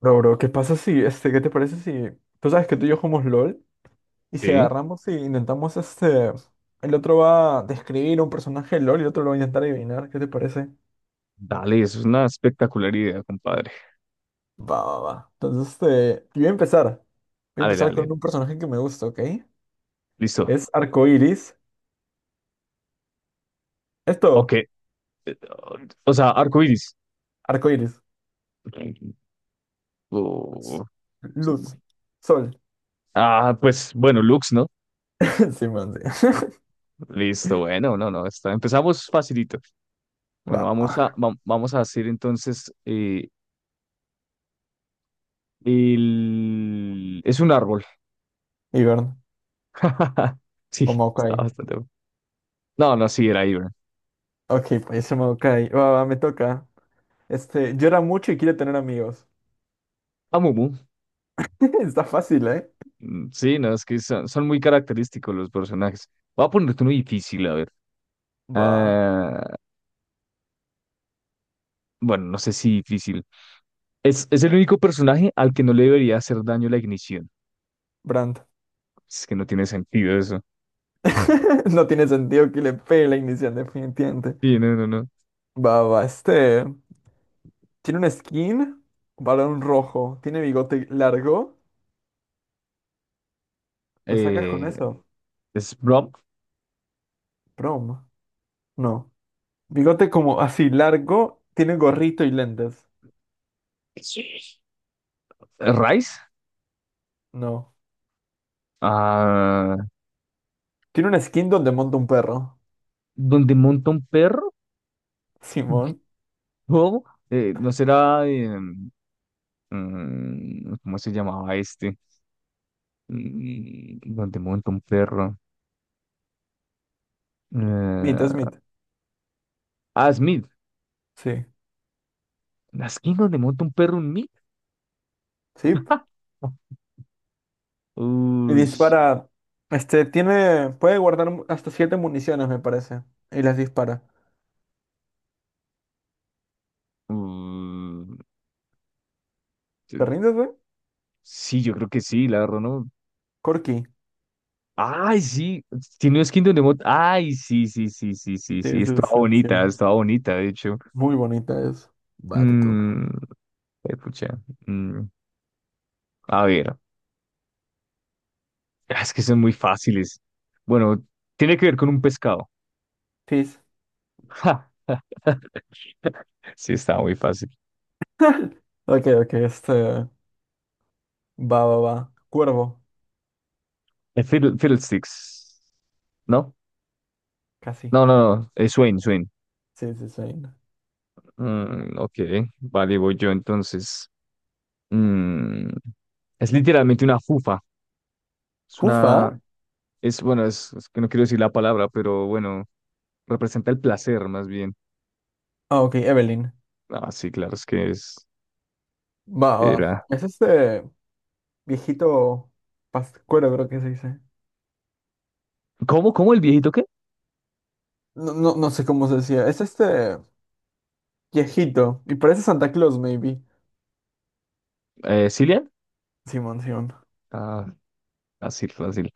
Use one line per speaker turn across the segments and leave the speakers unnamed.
Bro, bro, ¿qué pasa si, qué te parece si, tú sabes que tú y yo jugamos LOL, y si
Sí.
agarramos y intentamos, el otro va a describir un personaje de LOL y el otro lo va a intentar adivinar? ¿Qué te parece?
Dale, eso es una espectacular idea, compadre.
Va, va, va. Entonces, yo voy a empezar. Voy a
Dale,
empezar con
dale.
un personaje que me gusta, ¿ok?
Listo.
Es arcoiris.
Ok.
Esto,
O sea, arcoiris.
arcoiris,
Oh.
luz. Sol.
Ah, pues bueno, Lux, ¿no?
Sí, man, sí.
Listo, bueno, no, no, está. Empezamos facilito. Bueno,
Va.
vamos a hacer entonces Es un árbol.
Ivern.
Sí,
O
está
Maokai.
bastante bueno. No, no, sí, era Ivern.
Ok, pues ese Maokai. Va, va, me toca. Llora mucho y quiere tener amigos.
Amumu.
Está fácil, ¿eh?
Sí, no, es que son muy característicos los personajes. Voy a ponerte uno difícil, a ver.
Va,
Ah, bueno, no sé si difícil. Es el único personaje al que no le debería hacer daño la ignición.
Brandt.
Es que no tiene sentido eso.
No tiene sentido que le pegue la inicial, definitivamente.
Sí, no, no, no.
Va, va, este. Tiene un skin, varón rojo. Tiene bigote largo. ¿Lo sacas con
Eh,
eso?
es Brom.
Prom. No. Bigote como así, largo. Tiene gorrito y lentes.
Sí. Rice.
No.
Ah,
Tiene un skin donde monta un perro.
donde monta un perro.
Simón.
No, no será. ¿Cómo se llamaba este? Donde monta un perro.
Smith,
Eh,
Smith.
ah, Smith.
Sí.
La esquina donde monta un perro, un Meat.
Sí. Y
Uy.
dispara. Este, tiene. Puede guardar hasta 7 municiones, me parece. Y las dispara.
Uy.
¿Te rindes, güey?
Sí, yo creo que sí, la verdad, ¿no?
Corky.
Ay, sí, tiene no es Kingdom Death, ay, sí, sí, sí, sí, sí, sí,
Sí, sí, sí, sí.
estaba bonita, de hecho.
Muy bonita es. Va, te toca.
Mm, Pucha, mm, a ver, ah, es que son muy fáciles. Bueno, tiene que ver con un pescado.
Fizz.
Ja, sí, estaba muy fácil.
Ok, ok, este. Va, va, va. Cuervo.
Fiddlesticks, ¿no?
Casi.
No, no, no, Swain, Swain.
Sí, sí, sí.
Mm, ok, vale, voy yo entonces. Mm, es literalmente una fufa, es
Jufa.
una, bueno, es que no quiero decir la palabra, pero bueno, representa el placer más bien.
Ah, ok, Evelyn.
Ah, sí, claro, es que es,
Va, va.
era.
Es este viejito pascuero, creo que se dice.
¿Cómo el viejito qué?
No, no, no sé cómo se decía. Es este viejito. Y parece Santa Claus, maybe.
¿Cillian?
Simón, Simón.
Ah, fácil, fácil.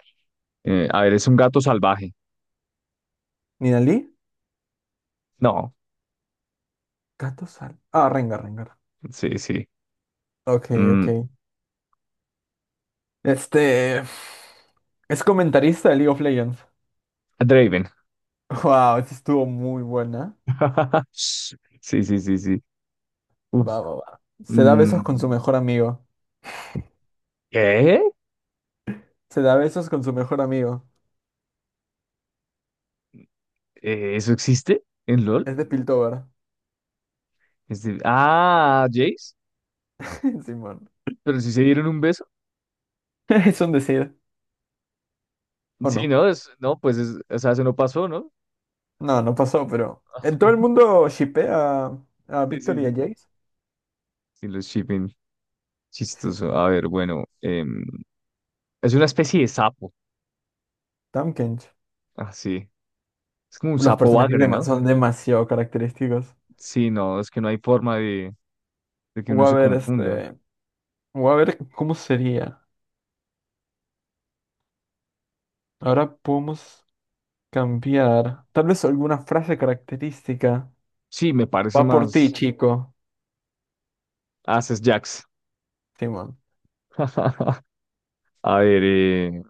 A ver, es un gato salvaje.
¿Ninalí?
No,
Gato sal. Ah, Rengar, Rengar.
sí, sí.
Ok, ok.
Mm,
Este. Es comentarista de League of Legends.
Draven.
Wow, esta estuvo muy buena.
Sí, sí, sí, sí. Uf.
Va, va, va. Se da besos con
Mm,
su mejor amigo.
¿Qué?
Se da besos con su mejor amigo.
¿Eso existe en LOL?
Es de Piltover.
Ah, Jace,
Simón.
pero si se dieron un beso.
Es un decir. ¿O
Sí,
no?
no, es, no, pues es, o sea, eso no pasó, ¿no?
No, no pasó, pero. ¿En todo el mundo shippea a
Sí, sí,
Victor y a
sí,
Jace?
y los shipping, chistoso.
Simón.
A ver, bueno, es una especie de sapo,
Tamkench.
así. Es como un
Los
sapo
personajes
bagre, ¿no?
son demasiado característicos.
Sí, no, es que no hay forma de que uno
Voy a
se
ver,
confunda.
este. Voy a ver cómo sería. Ahora podemos cambiar. Tal vez alguna frase característica.
Sí, me parece
Va por ti,
más
chico.
Ases Jax.
Simón.
A ver,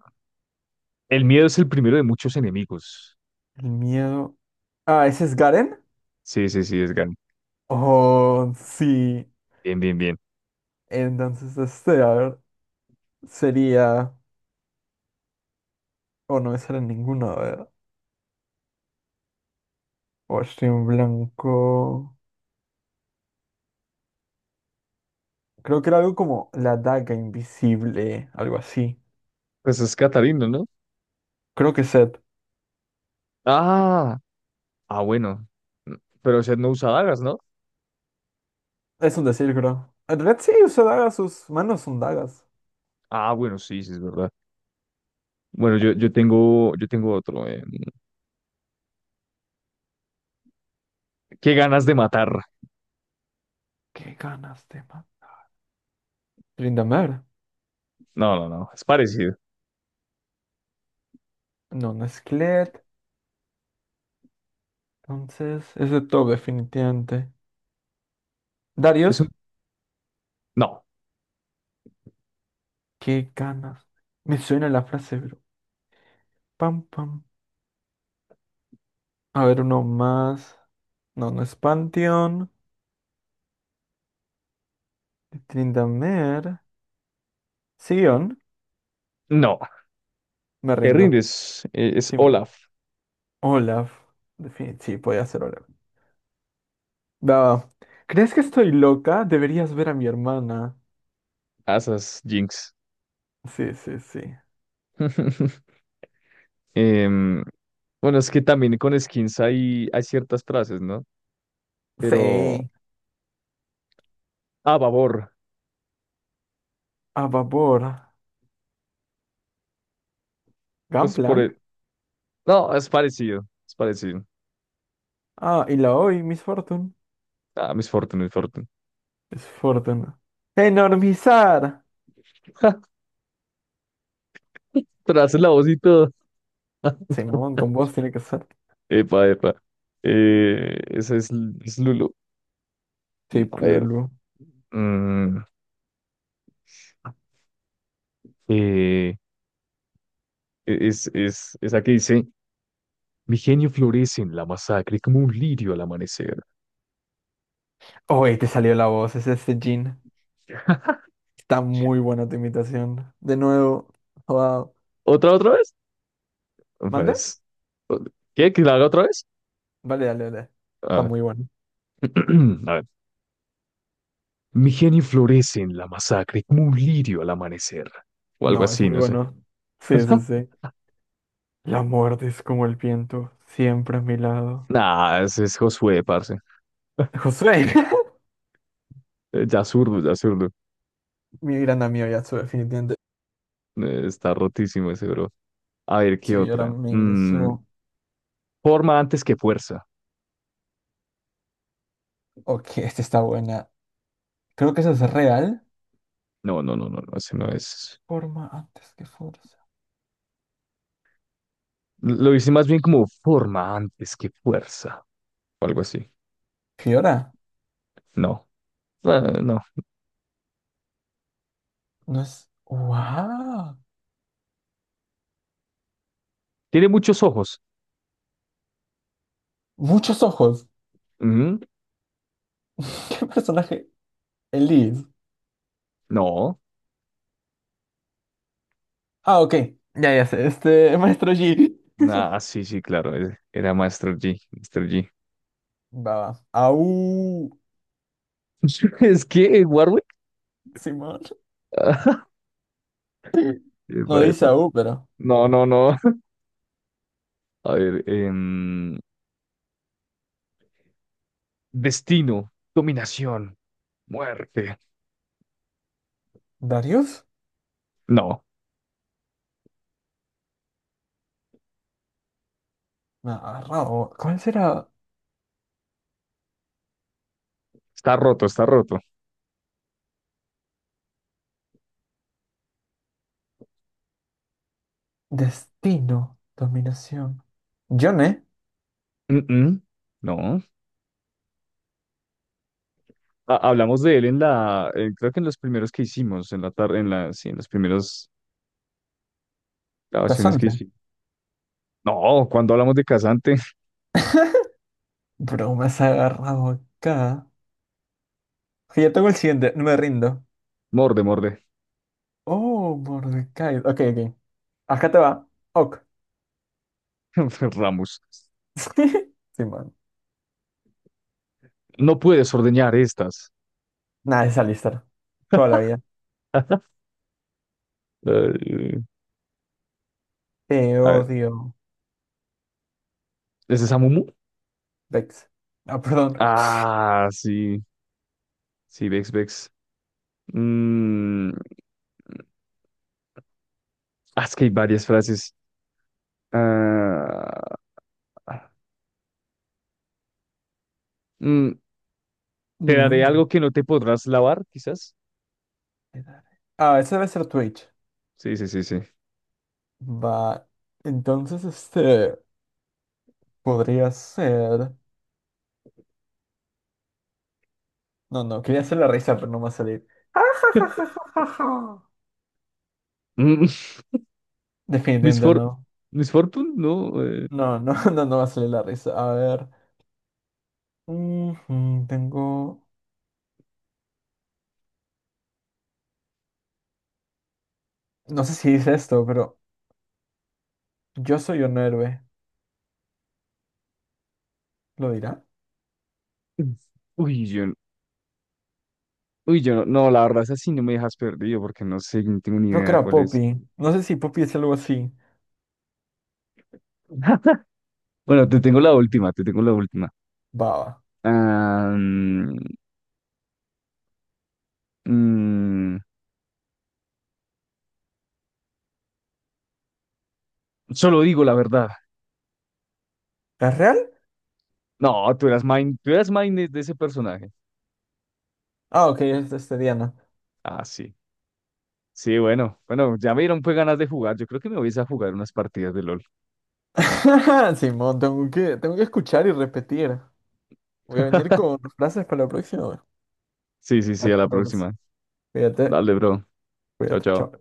el miedo es el primero de muchos enemigos.
El miedo. Ah, ¿ese es Garen?
Sí, sí, sí, es Gan.
Oh, sí.
Bien, bien, bien.
Entonces este, a ver, sería. O no me sale ninguno, a ver. O estoy en blanco. Creo que era algo como la daga invisible, algo así.
Pues es Catarina, ¿no?
Creo que Seth.
Ah, ah, bueno. Pero Seth no usa dagas, ¿no?
Es un decir, creo. En realidad sí, usa dagas, sus manos son dagas.
Ah, bueno, sí, sí, es verdad. Bueno, yo tengo otro. ¿Qué ganas de matar?
Qué ganas, tema. Tryndamere.
No, no, no, es parecido.
No, no es Kled. Entonces, es de todo, definitivamente.
Es un.
Darius.
No,
Qué ganas. Me suena la frase, bro. Pam, pam. A ver, uno más. No, no es Pantheon. Tryndamere. Sion.
no.
Me
Te
rindo.
rindes. Es Olaf.
Simón. Olaf. Sí, podía ser Olaf. Va, ¿crees que estoy loca? Deberías ver a mi hermana.
Asas, Jinx.
Sí, sí, sí.
Em, bueno, es que también con skins hay ciertas frases, ¿no? Pero.
Sí.
Ah, babor.
A vapor.
Pues por
Gangplank.
el. No, es parecido. Es parecido.
Ah, y la hoy, Miss Fortune.
Ah, Miss Fortune, Miss Fortune.
Es Fortune. ¡Enormizar!
Pero hace la voz y todo.
Simón, con voz tiene que ser.
Epa, epa. Esa es Lulu.
Sí,
A ver.
Lulu.
mm, eh, es la que dice, mi genio florece en la masacre como un lirio al amanecer.
Oye, te salió la voz, es este Jean. Está muy buena tu imitación. De nuevo, wow.
¿Otra vez?
¿Mandé?
Pues, ¿qué? ¿Que la haga otra vez?
Vale, dale, dale. Está
Ah,
muy bueno.
a ver. Mi genio florece en la masacre como un lirio al amanecer. O algo
No, es
así,
muy
no sé.
bueno. Sí, sí, sí. La muerte es como el viento, siempre a mi lado.
Nah, ese es Josué, parce.
Josué.
Ya zurdo, ya zurdo.
Mi gran amigo Yasuo, definitivamente.
Está rotísimo ese bro. A ver, ¿qué
Sí, yo
otra?
también Yasuo.
Forma antes que fuerza.
Ok, esta está buena. Creo que eso es real.
No, no, no, no, no, ese no es.
Forma antes que fuerza.
Lo hice más bien como forma antes que fuerza. O algo así.
Fiora.
No, ah, no.
No es. ¡Wow!
Tiene muchos ojos.
Muchos ojos.
Ujú.
¿Qué personaje? Elise.
No.
Ah, ok. Ya sé. Este, Maestro Yi.
Ah, sí, sí, claro. Era Master G. Master G.
Va, va. Au,
Es que Warwick.
Simón. No
Epa,
dice
epa.
au, pero.
No, no, no. A ver, destino, dominación, muerte.
¿Darius?
No,
Me ha agarrado. ¿Cuál será?
está roto, está roto.
Destino, dominación. Yone,
Mm-mm. No. Hablamos de él creo que en los primeros que hicimos, en la tarde, sí, en las primeras grabaciones que
casante.
hicimos. No, cuando hablamos de Casante.
Bro, me has agarrado acá. Ok, ya tengo el siguiente, no me rindo.
Morde, morde.
Oh, Mordecai. Ok, ok. Acá te va. Ok.
Ramos,
Simón.
no puedes ordeñar estas.
Nada, es Alistar. Toda la vida.
Eh,
Te
a ver,
odio,
¿es de Samumu?
Vex. Ah, perdón.
Ah, sí, sí, Vex, Vex. Mm, ah, es que hay varias frases. Ah, mm, te daré
Mm.
algo que no te podrás lavar, quizás.
Ah, ese debe ser Twitch.
Sí, sí, sí, sí.
Va, entonces este podría ser. No, no, quería hacer la risa, pero no va a salir.
Mm, Miss
Definitivamente
For-
no.
Miss Fortune, no.
No, no, no, no va a salir la risa. A ver. Ujú, tengo. No sé si dice esto, pero yo soy un héroe. ¿Lo dirá?
Uy, yo no, no, la verdad, esa sí no me dejas perdido porque no sé, no tengo ni
Creo que
idea
era
cuál es.
Poppy. No sé si Poppy es algo así.
Bueno, te tengo la última, te tengo la última.
Baba.
Ah, mm, solo digo la verdad.
¿Es real?
No, tú eras main de ese personaje.
Ah, ok, es este Diana.
Ah, sí. Sí, bueno, bueno, ya me dieron pues ganas de jugar. Yo creo que me voy a ir a jugar unas partidas de LOL.
Simón, tengo que escuchar y repetir. Voy a venir con frases para la próxima.
Sí, sí, sí, a la
Atento, pues.
próxima.
Cuídate,
Dale, bro. Chao,
cuídate, chao.
chao.